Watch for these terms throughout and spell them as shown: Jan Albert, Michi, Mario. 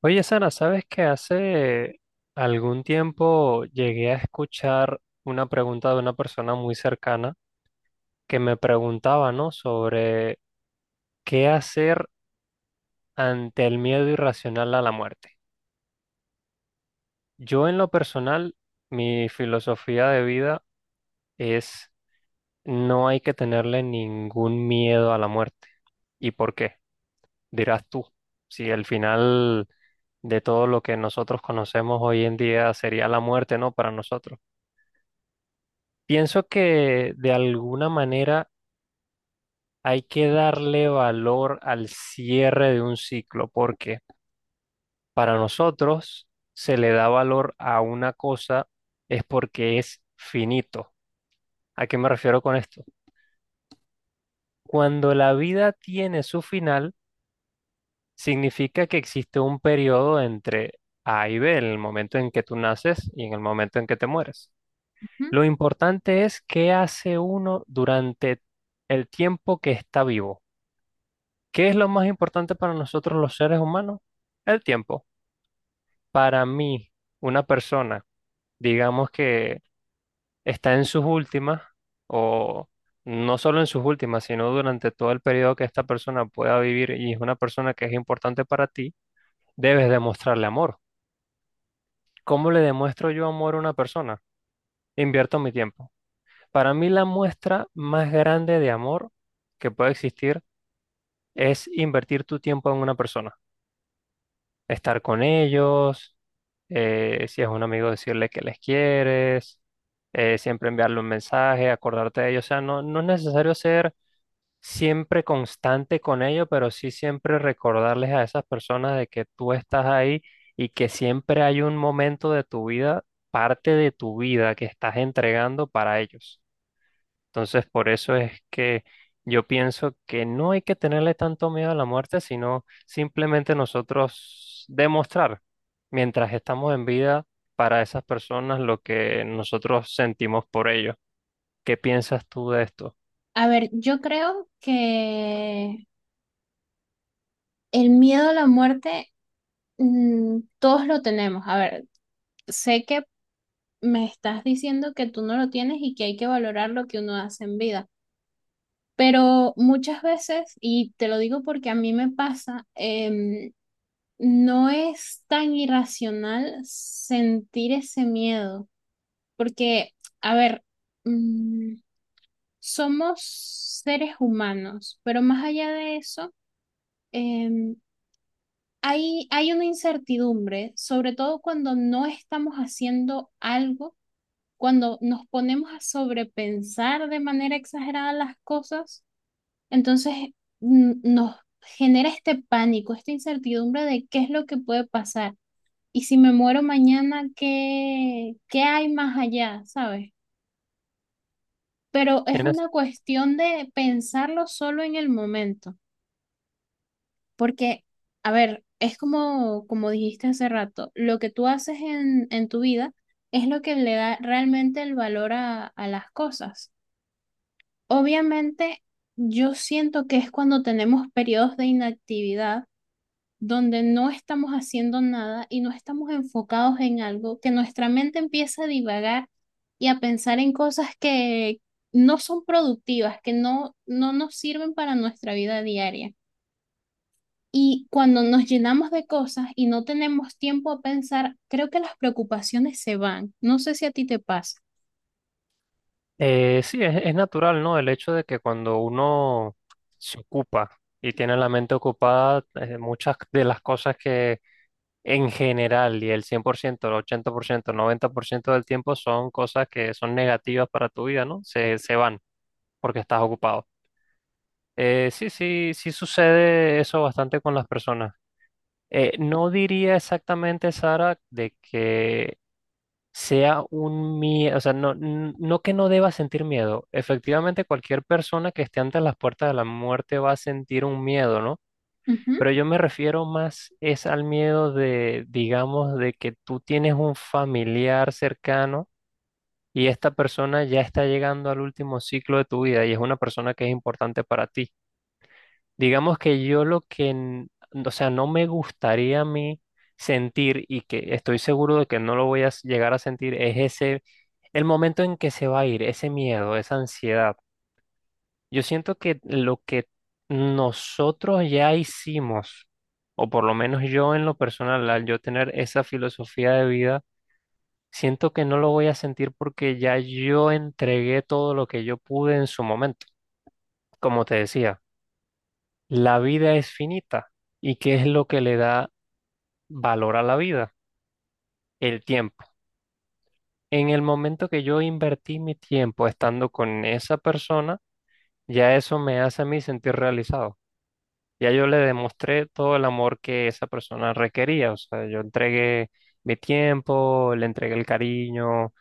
Oye, Sara, ¿sabes que hace algún tiempo llegué a escuchar una pregunta de una persona muy cercana que me preguntaba, ¿no?, sobre qué hacer ante el miedo irracional a la muerte? Yo, en lo personal, mi filosofía de vida es: no hay que tenerle ningún miedo a la muerte. ¿Y por qué, dirás tú? Si el final de todo lo que nosotros conocemos hoy en día sería la muerte, ¿no? Para nosotros. Pienso que de alguna manera hay que darle valor al cierre de un ciclo, porque para nosotros se le da valor a una cosa es porque es finito. ¿A qué me refiero con esto? Cuando la vida tiene su final, significa que existe un periodo entre A y B, en el momento en que tú naces y en el momento en que te mueres. Ujú. Lo importante es qué hace uno durante el tiempo que está vivo. ¿Qué es lo más importante para nosotros los seres humanos? El tiempo. Para mí, una persona, digamos que está en sus últimas, o no solo en sus últimas, sino durante todo el periodo que esta persona pueda vivir y es una persona que es importante para ti, debes demostrarle amor. ¿Cómo le demuestro yo amor a una persona? Invierto mi tiempo. Para mí, la muestra más grande de amor que puede existir es invertir tu tiempo en una persona. Estar con ellos, si es un amigo decirle que les quieres, siempre enviarle un mensaje, acordarte de ellos. O sea, no, no es necesario ser siempre constante con ellos, pero sí siempre recordarles a esas personas de que tú estás ahí y que siempre hay un momento de tu vida, parte de tu vida, que estás entregando para ellos. Entonces, por eso es que yo pienso que no hay que tenerle tanto miedo a la muerte, sino simplemente nosotros demostrar, mientras estamos en vida, para esas personas lo que nosotros sentimos por ellos. ¿Qué piensas tú de esto? A ver, yo creo que el miedo a la muerte, todos lo tenemos. A ver, sé que me estás diciendo que tú no lo tienes y que hay que valorar lo que uno hace en vida, pero muchas veces, y te lo digo porque a mí me pasa, no es tan irracional sentir ese miedo, porque, a ver, mm, somos seres humanos, pero más allá de eso, em, hay una incertidumbre, sobre todo cuando no estamos haciendo algo, cuando nos ponemos a sobrepensar de manera exagerada las cosas, entonces nos genera este pánico, esta incertidumbre de qué es lo que puede pasar y si me muero mañana, ¿qué hay más allá, sabes? Pero es ¿Tienes? una cuestión de pensarlo solo en el momento. Porque, a ver, es como, como dijiste hace rato, lo que tú haces en tu vida es lo que le da realmente el valor a las cosas. Obviamente, yo siento que es cuando tenemos periodos de inactividad donde no estamos haciendo nada y no estamos enfocados en algo, que nuestra mente empieza a divagar y a pensar en cosas que no son productivas, que no nos sirven para nuestra vida diaria. Y cuando nos llenamos de cosas y no tenemos tiempo a pensar, creo que las preocupaciones se van. No sé si a ti te pasa. Sí, es natural, ¿no?, el hecho de que cuando uno se ocupa y tiene la mente ocupada, muchas de las cosas que en general —y el 100%, el 80%, el 90% del tiempo son cosas que son negativas para tu vida, ¿no?— se van porque estás ocupado. Sí, sí, sí sucede eso bastante con las personas. No diría exactamente, Sara, de que sea un miedo. O sea, no, no que no deba sentir miedo. Efectivamente, cualquier persona que esté ante las puertas de la muerte va a sentir un miedo, ¿no? Ujú. Pero yo me refiero más es al miedo de, digamos, de que tú tienes un familiar cercano y esta persona ya está llegando al último ciclo de tu vida y es una persona que es importante para ti. Digamos que yo lo que, o sea, no me gustaría a mí sentir, y que estoy seguro de que no lo voy a llegar a sentir, es ese, el momento en que se va a ir, ese miedo, esa ansiedad. Yo siento que lo que nosotros ya hicimos, o por lo menos yo en lo personal, al yo tener esa filosofía de vida, siento que no lo voy a sentir porque ya yo entregué todo lo que yo pude en su momento. Como te decía, la vida es finita. ¿Y qué es lo que le da valor a la vida? El tiempo. En el momento que yo invertí mi tiempo estando con esa persona, ya eso me hace a mí sentir realizado. Ya yo le demostré todo el amor que esa persona requería. O sea, yo entregué mi tiempo, le entregué el cariño.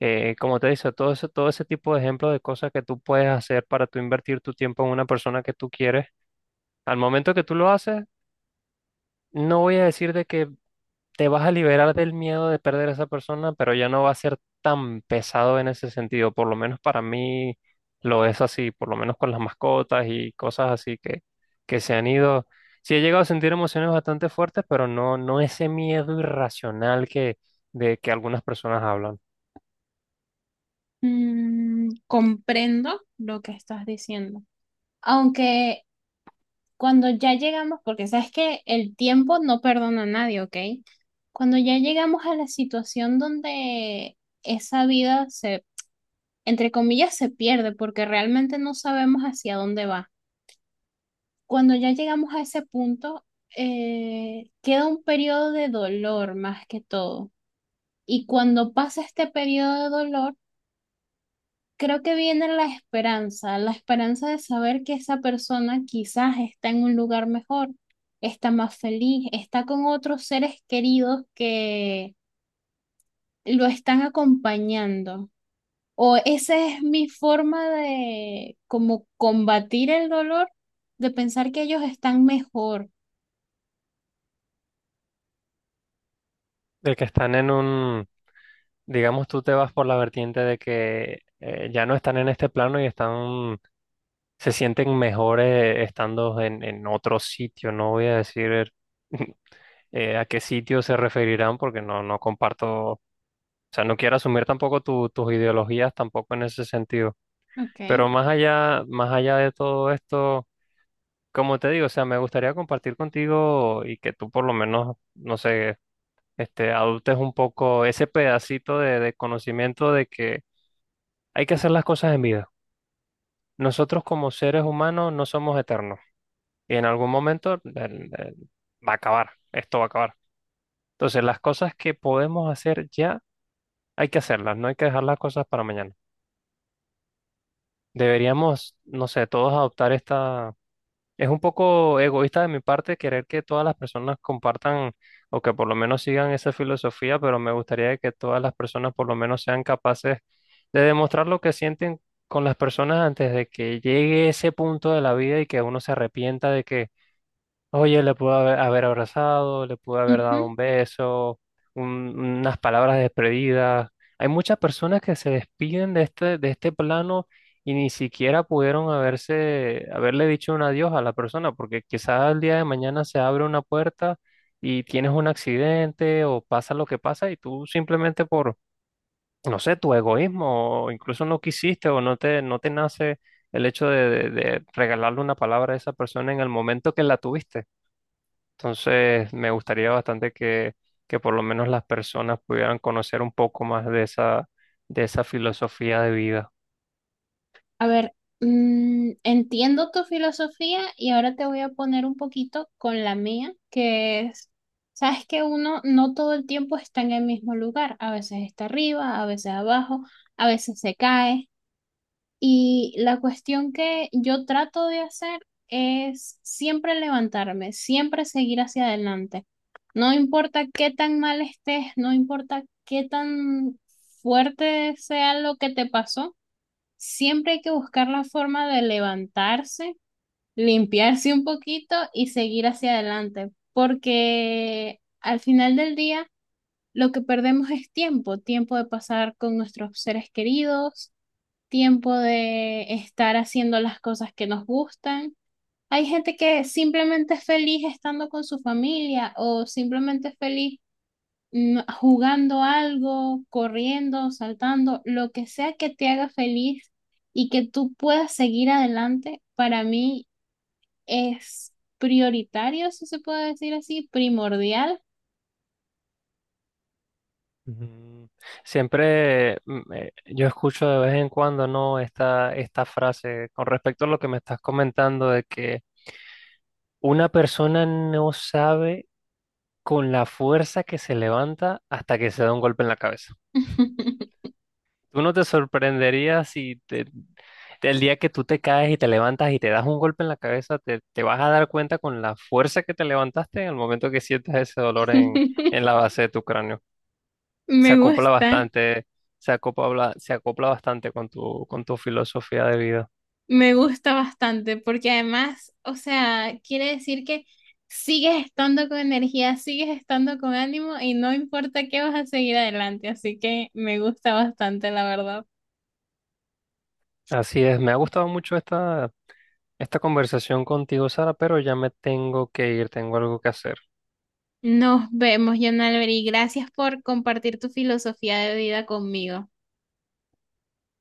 Como te dice, todo ese tipo de ejemplos de cosas que tú puedes hacer para tú invertir tu tiempo en una persona que tú quieres. Al momento que tú lo haces, no voy a decir de que te vas a liberar del miedo de perder a esa persona, pero ya no va a ser tan pesado en ese sentido. Por lo menos para mí lo es así, por lo menos con las mascotas y cosas así que se han ido. Sí he llegado a sentir emociones bastante fuertes, pero no, no ese miedo irracional que, de que algunas personas hablan. Comprendo lo que estás diciendo. Aunque cuando ya llegamos, porque sabes que el tiempo no perdona a nadie, ¿ok? Cuando ya llegamos a la situación donde esa vida se, entre comillas, se pierde porque realmente no sabemos hacia dónde va. Cuando ya llegamos a ese punto, queda un periodo de dolor más que todo. Y cuando pasa este periodo de dolor, creo que viene la esperanza de saber que esa persona quizás está en un lugar mejor, está más feliz, está con otros seres queridos que lo están acompañando. O esa es mi forma de como combatir el dolor, de pensar que ellos están mejor. De que están en un, digamos, tú te vas por la vertiente de que ya no están en este plano y están, se sienten mejores estando en otro sitio. No voy a decir a qué sitio se referirán, porque no, no comparto. O sea, no quiero asumir tampoco tus ideologías tampoco en ese sentido. Ok. Pero más allá de todo esto, como te digo, o sea, me gustaría compartir contigo y que tú, por lo menos, no sé, adoptes un poco ese pedacito de conocimiento de que hay que hacer las cosas en vida. Nosotros, como seres humanos, no somos eternos, y en algún momento eh, va a acabar, esto va a acabar. Entonces, las cosas que podemos hacer ya, hay que hacerlas, no hay que dejar las cosas para mañana. Deberíamos, no sé, todos adoptar esta... Es un poco egoísta de mi parte querer que todas las personas compartan o que por lo menos sigan esa filosofía, pero me gustaría que todas las personas por lo menos sean capaces de demostrar lo que sienten con las personas antes de que llegue ese punto de la vida y que uno se arrepienta de que: oye, le pudo haber abrazado, le pudo haber Ujú. dado un beso, unas palabras despedidas. Hay muchas personas que se despiden de este plano y ni siquiera pudieron haberse, haberle dicho un adiós a la persona, porque quizás el día de mañana se abre una puerta y tienes un accidente o pasa lo que pasa, y tú, simplemente por, no sé, tu egoísmo, o incluso no quisiste o no te nace el hecho de de regalarle una palabra a esa persona en el momento que la tuviste. Entonces, me gustaría bastante que por lo menos las personas pudieran conocer un poco más de esa filosofía de vida. A ver, entiendo tu filosofía y ahora te voy a poner un poquito con la mía, que es, sabes que uno no todo el tiempo está en el mismo lugar, a veces está arriba, a veces abajo, a veces se cae. Y la cuestión que yo trato de hacer es siempre levantarme, siempre seguir hacia adelante. No importa qué tan mal estés, no importa qué tan fuerte sea lo que te pasó. Siempre hay que buscar la forma de levantarse, limpiarse un poquito y seguir hacia adelante, porque al final del día lo que perdemos es tiempo, tiempo de pasar con nuestros seres queridos, tiempo de estar haciendo las cosas que nos gustan. Hay gente que simplemente es feliz estando con su familia o simplemente es feliz jugando algo, corriendo, saltando, lo que sea que te haga feliz y que tú puedas seguir adelante, para mí es prioritario, si se puede decir así, primordial. Ujú. Siempre yo escucho de vez en cuando, ¿no?, esta frase, con respecto a lo que me estás comentando, de que una persona no sabe con la fuerza que se levanta hasta que se da un golpe en la cabeza. Tú no te sorprenderías si el día que tú te caes y te levantas y te das un golpe en la cabeza, te vas a dar cuenta con la fuerza que te levantaste en el momento que sientas ese dolor en la base de tu cráneo. Se Me acopla gusta, bastante, se acopla bastante con tu filosofía de vida. me gusta bastante, porque además, o sea, quiere decir que sigues estando con energía, sigues estando con ánimo y no importa qué vas a seguir adelante, así que me gusta bastante, la verdad. Así es, me ha gustado mucho esta, esta conversación contigo, Sara, pero ya me tengo que ir, tengo algo que hacer. Nos vemos, Jan Albert, gracias por compartir tu filosofía de vida conmigo.